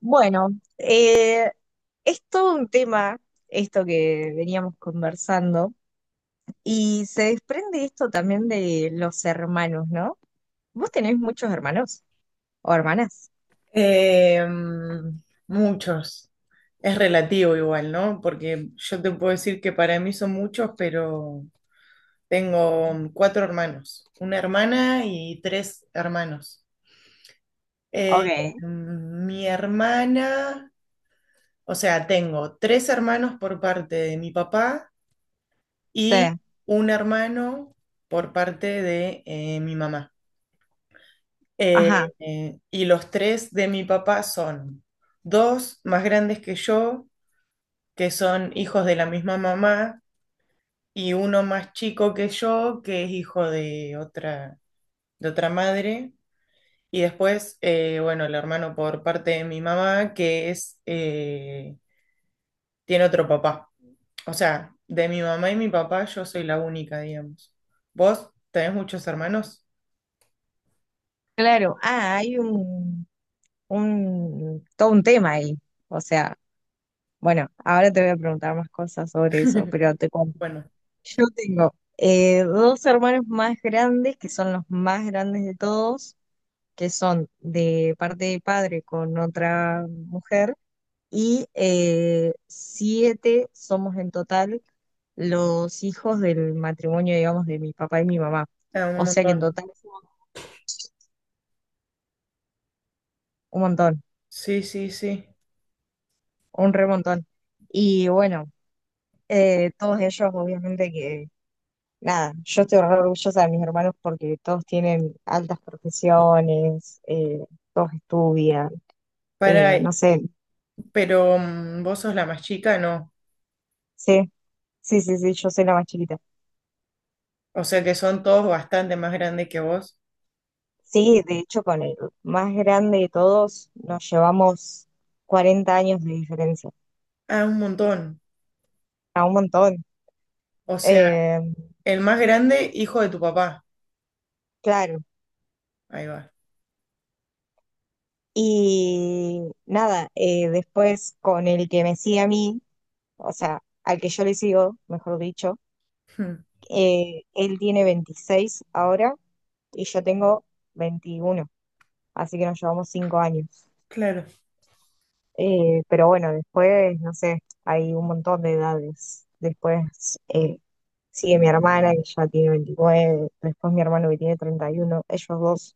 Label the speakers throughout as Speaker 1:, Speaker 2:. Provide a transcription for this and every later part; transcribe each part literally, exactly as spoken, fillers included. Speaker 1: Bueno, eh, es todo un tema esto que veníamos conversando y se desprende esto también de los hermanos, ¿no? ¿Vos tenés muchos hermanos o hermanas?
Speaker 2: Eh, mm, Muchos. Es relativo igual, ¿no? Porque yo te puedo decir que para mí son muchos, pero tengo um, cuatro hermanos, una hermana y tres hermanos. Eh,
Speaker 1: Ok,
Speaker 2: mm, Mi hermana, o sea, tengo tres hermanos por parte de mi papá
Speaker 1: sí,
Speaker 2: y un hermano por parte de eh, mi mamá. Eh,
Speaker 1: ajá,
Speaker 2: eh, y los tres de mi papá son dos más grandes que yo que son hijos de la misma mamá, y uno más chico que yo, que es hijo de otra, de otra madre. Y después, eh, bueno, el hermano por parte de mi mamá, que es, eh, tiene otro papá. O sea, de mi mamá y mi papá, yo soy la única, digamos. ¿Vos tenés muchos hermanos?
Speaker 1: claro. Ah, hay un, un, todo un tema ahí. O sea, bueno, ahora te voy a preguntar más cosas sobre eso, pero te cuento.
Speaker 2: Bueno,
Speaker 1: Yo tengo eh, dos hermanos más grandes, que son los más grandes de todos, que son de parte de padre con otra mujer y eh, siete somos en total los hijos del matrimonio, digamos, de mi papá y mi mamá.
Speaker 2: eh, un
Speaker 1: O sea que en
Speaker 2: montón.
Speaker 1: total somos un montón,
Speaker 2: Sí, sí, sí.
Speaker 1: un remontón. Y bueno, eh, todos ellos obviamente que, nada, yo estoy re orgullosa de mis hermanos porque todos tienen altas profesiones, eh, todos estudian, eh,
Speaker 2: Para,
Speaker 1: no sé,
Speaker 2: pero mm, vos sos la más chica, no.
Speaker 1: sí, sí, sí, sí, yo soy la más chiquita.
Speaker 2: O sea que son todos bastante más grandes que vos.
Speaker 1: Sí, de hecho, con el más grande de todos nos llevamos cuarenta años de diferencia,
Speaker 2: Ah, un montón.
Speaker 1: a un montón.
Speaker 2: O sea,
Speaker 1: Eh,
Speaker 2: el más grande, hijo de tu papá.
Speaker 1: claro.
Speaker 2: Ahí va.
Speaker 1: Y nada, eh, después con el que me sigue a mí, o sea, al que yo le sigo, mejor dicho,
Speaker 2: Hmm.
Speaker 1: eh, él tiene veintiséis ahora y yo tengo veintiuno, así que nos llevamos cinco años.
Speaker 2: Claro.
Speaker 1: Eh, pero bueno, después, no sé, hay un montón de edades. Después, eh, sigue mi hermana que ya tiene veintinueve, después mi hermano que tiene treinta y uno. Ellos dos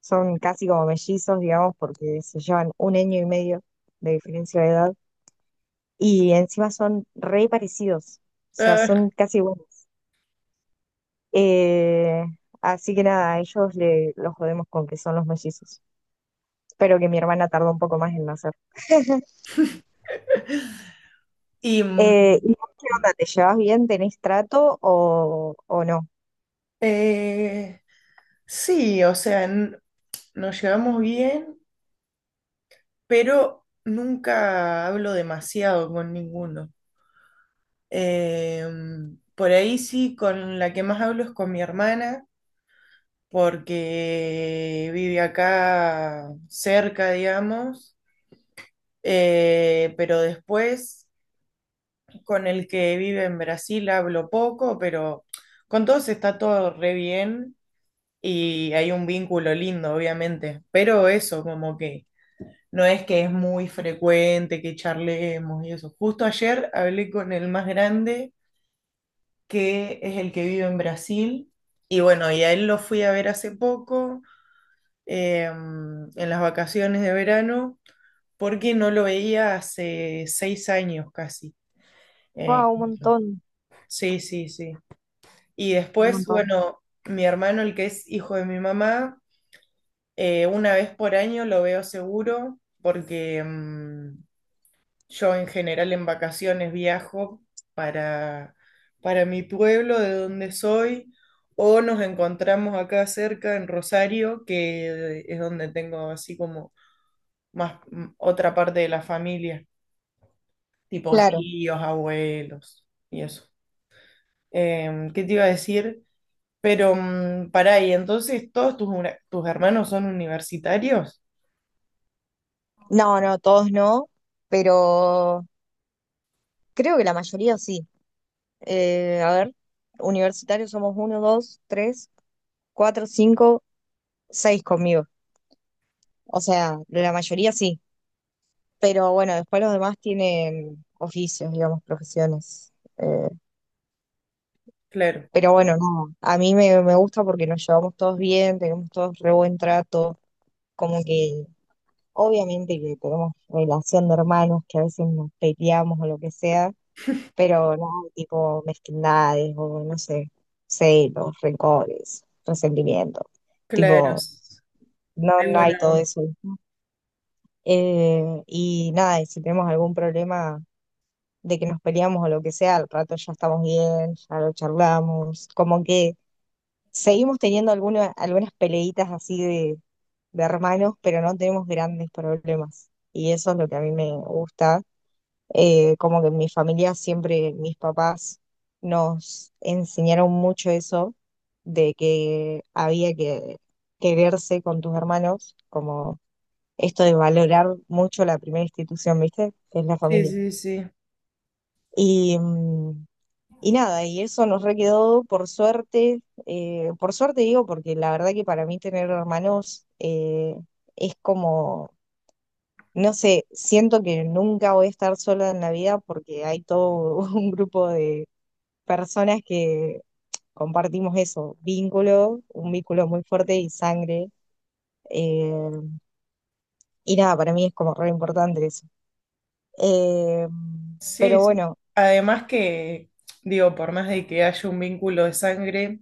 Speaker 1: son casi como mellizos, digamos, porque se llevan un año y medio de diferencia de edad y encima son re parecidos, o sea,
Speaker 2: Ah,
Speaker 1: son casi iguales. Eh, así que nada, a ellos le, los jodemos con que son los mellizos. Espero que mi hermana tardó un poco más en nacer.
Speaker 2: y mm,
Speaker 1: Eh, ¿y vos qué onda? ¿Te llevas bien? ¿Tenés trato o, o no?
Speaker 2: eh, sí, o sea, n- nos llevamos bien, pero nunca hablo demasiado con ninguno. Eh, mm, por ahí sí, con la que más hablo es con mi hermana, porque vive acá cerca, digamos. Eh, pero después con el que vive en Brasil hablo poco, pero con todos está todo re bien y hay un vínculo lindo, obviamente. Pero eso, como que no es que es muy frecuente que charlemos y eso. Justo ayer hablé con el más grande, que es el que vive en Brasil, y bueno, y a él lo fui a ver hace poco, eh, en las vacaciones de verano, porque no lo veía hace seis años casi. Eh,
Speaker 1: Wow, un montón,
Speaker 2: sí, sí, sí. Y
Speaker 1: un
Speaker 2: después,
Speaker 1: montón.
Speaker 2: bueno, mi hermano, el que es hijo de mi mamá, eh, una vez por año lo veo seguro porque mm, yo en general en vacaciones viajo para, para mi pueblo de donde soy o nos encontramos acá cerca en Rosario, que es donde tengo así como más mm, otra parte de la familia, tipo
Speaker 1: Claro.
Speaker 2: tíos, abuelos y eso. Em, ¿qué te iba a decir? Pero mm, pará, ¿y entonces todos tus, una- tus hermanos son universitarios?
Speaker 1: No, no, todos no, pero creo que la mayoría sí. Eh, a ver, universitarios somos uno, dos, tres, cuatro, cinco, seis conmigo. O sea, la mayoría sí, pero bueno, después los demás tienen oficios, digamos, profesiones. Eh,
Speaker 2: Claro,
Speaker 1: pero bueno, no, a mí me, me gusta porque nos llevamos todos bien, tenemos todos re buen trato, como que obviamente que tenemos relación de hermanos, que a veces nos peleamos o lo que sea, pero no, tipo mezquindades o no sé, celos, rencores, resentimiento,
Speaker 2: claro.
Speaker 1: tipo, no,
Speaker 2: Hay
Speaker 1: no hay
Speaker 2: buena
Speaker 1: todo
Speaker 2: onda.
Speaker 1: eso. Eh, y nada, y si tenemos algún problema de que nos peleamos o lo que sea, al rato ya estamos bien, ya lo charlamos, como que seguimos teniendo alguna- algunas peleitas así de, de hermanos, pero no tenemos grandes problemas. Y eso es lo que a mí me gusta. Eh, como que en mi familia siempre mis papás nos enseñaron mucho eso de que había que quererse con tus hermanos, como esto de valorar mucho la primera institución, ¿viste? Que es la
Speaker 2: Sí,
Speaker 1: familia.
Speaker 2: sí, sí.
Speaker 1: Y, mm, y nada, y eso nos requedó por suerte, eh, por suerte digo, porque la verdad que para mí tener hermanos eh, es como no sé, siento que nunca voy a estar sola en la vida porque hay todo un grupo de personas que compartimos eso, vínculo, un vínculo muy fuerte y sangre. eh, y nada, para mí es como re importante eso. Eh,
Speaker 2: Sí,
Speaker 1: pero
Speaker 2: sí.
Speaker 1: bueno,
Speaker 2: Además que, digo, por más de que haya un vínculo de sangre,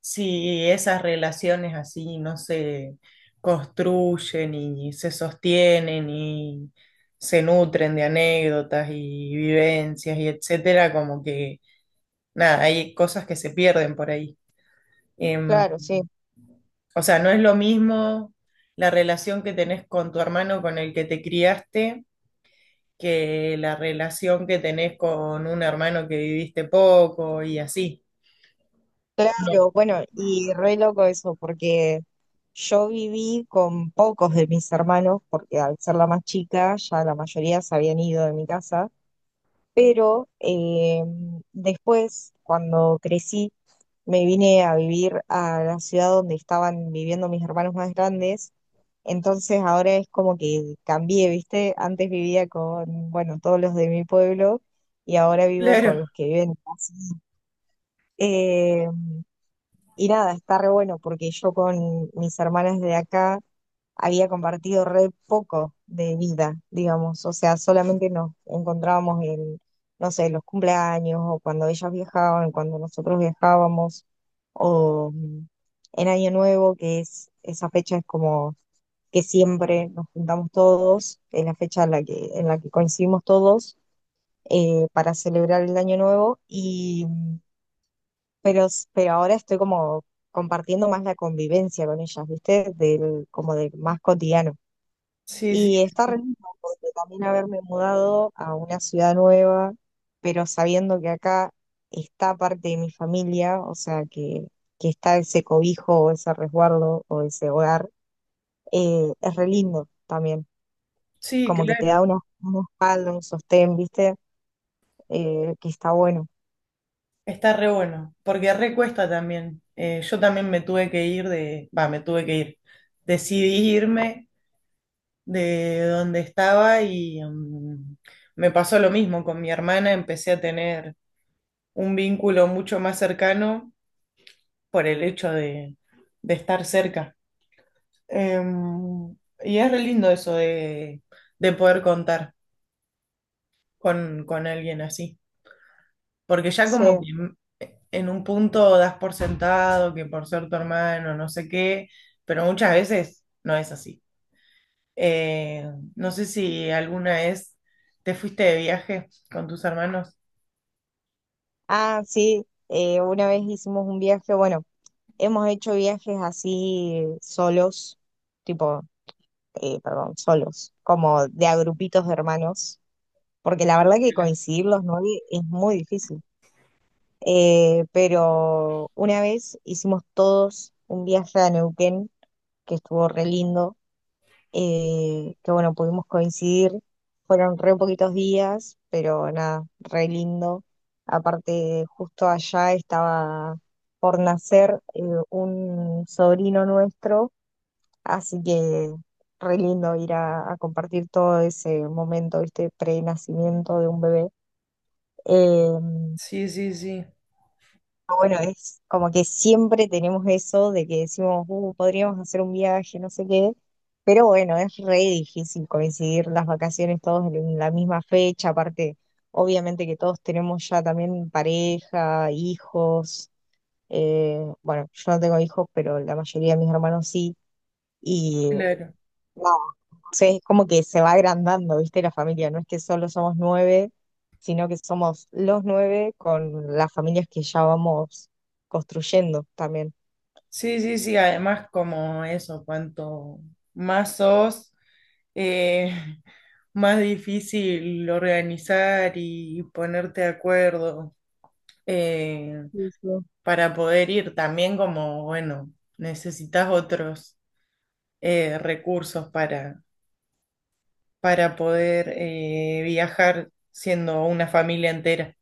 Speaker 2: si esas relaciones así no se construyen y se sostienen y se nutren de anécdotas y vivencias y etcétera, como que, nada, hay cosas que se pierden por ahí. Em.
Speaker 1: claro, sí,
Speaker 2: O sea, no es lo mismo la relación que tenés con tu hermano con el que te criaste que la relación que tenés con un hermano que viviste poco y así. No.
Speaker 1: claro, bueno, y re loco eso porque yo viví con pocos de mis hermanos porque al ser la más chica ya la mayoría se habían ido de mi casa, pero eh, después, cuando crecí, me vine a vivir a la ciudad donde estaban viviendo mis hermanos más grandes, entonces ahora es como que cambié, ¿viste? Antes vivía con, bueno, todos los de mi pueblo y ahora vivo con
Speaker 2: Claro,
Speaker 1: los que viven casi. Eh, y nada, está re bueno porque yo con mis hermanas de acá había compartido re poco de vida, digamos, o sea, solamente nos encontrábamos en, no sé, los cumpleaños o cuando ellas viajaban, cuando nosotros viajábamos, o mm, en Año Nuevo, que es esa fecha es como que siempre nos juntamos todos, es la fecha en la que, en la que coincidimos todos eh, para celebrar el Año Nuevo, y, mm, pero, pero ahora estoy como compartiendo más la convivencia con ellas, ¿viste? Del, como del más cotidiano.
Speaker 2: sí, sí,
Speaker 1: Y está
Speaker 2: sí,
Speaker 1: re lindo porque también haberme mudado a una ciudad nueva, pero sabiendo que acá está parte de mi familia, o sea, que, que está ese cobijo o ese resguardo o ese hogar, eh, es re lindo también.
Speaker 2: sí,
Speaker 1: Como que te
Speaker 2: claro.
Speaker 1: da una, una espalda, un sostén, ¿viste? Eh, que está bueno.
Speaker 2: Está re bueno, porque re cuesta también. Eh, yo también me tuve que ir de, va, me tuve que ir. Decidí irme de donde estaba y mm, me pasó lo mismo con mi hermana. Empecé a tener un vínculo mucho más cercano por el hecho de, de estar cerca. Em, y es re lindo eso de, de poder contar con, con alguien así, porque ya
Speaker 1: Sí.
Speaker 2: como que en en un punto das por sentado que por ser tu hermano, no sé qué, pero muchas veces no es así. Eh, no sé si alguna vez te fuiste de viaje con tus hermanos.
Speaker 1: Ah, sí, eh, una vez hicimos un viaje, bueno, hemos hecho viajes así eh, solos, tipo eh, perdón, solos, como de a grupitos de hermanos, porque la verdad que coincidir los nueve es muy difícil. Eh, pero una vez hicimos todos un viaje a Neuquén, que estuvo re lindo, eh, que bueno, pudimos coincidir, fueron re poquitos días, pero nada, re lindo. Aparte, justo allá estaba por nacer eh, un sobrino nuestro. Así que re lindo ir a, a compartir todo ese momento, ¿viste? Pre-nacimiento de un bebé. Eh,
Speaker 2: Sí, sí, sí,
Speaker 1: pero bueno, es como que siempre tenemos eso de que decimos, "Uh, podríamos hacer un viaje, no sé qué." Pero bueno, es re difícil coincidir las vacaciones todos en la misma fecha. Aparte, obviamente que todos tenemos ya también pareja, hijos. eh, bueno, yo no tengo hijos, pero la mayoría de mis hermanos sí. Y
Speaker 2: claro.
Speaker 1: entonces es como que se va agrandando, ¿viste? La familia, no es que solo somos nueve, sino que somos los nueve con las familias que ya vamos construyendo también.
Speaker 2: Sí, sí, sí, además como eso, cuanto más sos, eh, más difícil organizar y ponerte de acuerdo eh,
Speaker 1: Sí, sí.
Speaker 2: para poder ir. También como, bueno, necesitas otros eh, recursos para, para poder eh, viajar siendo una familia entera.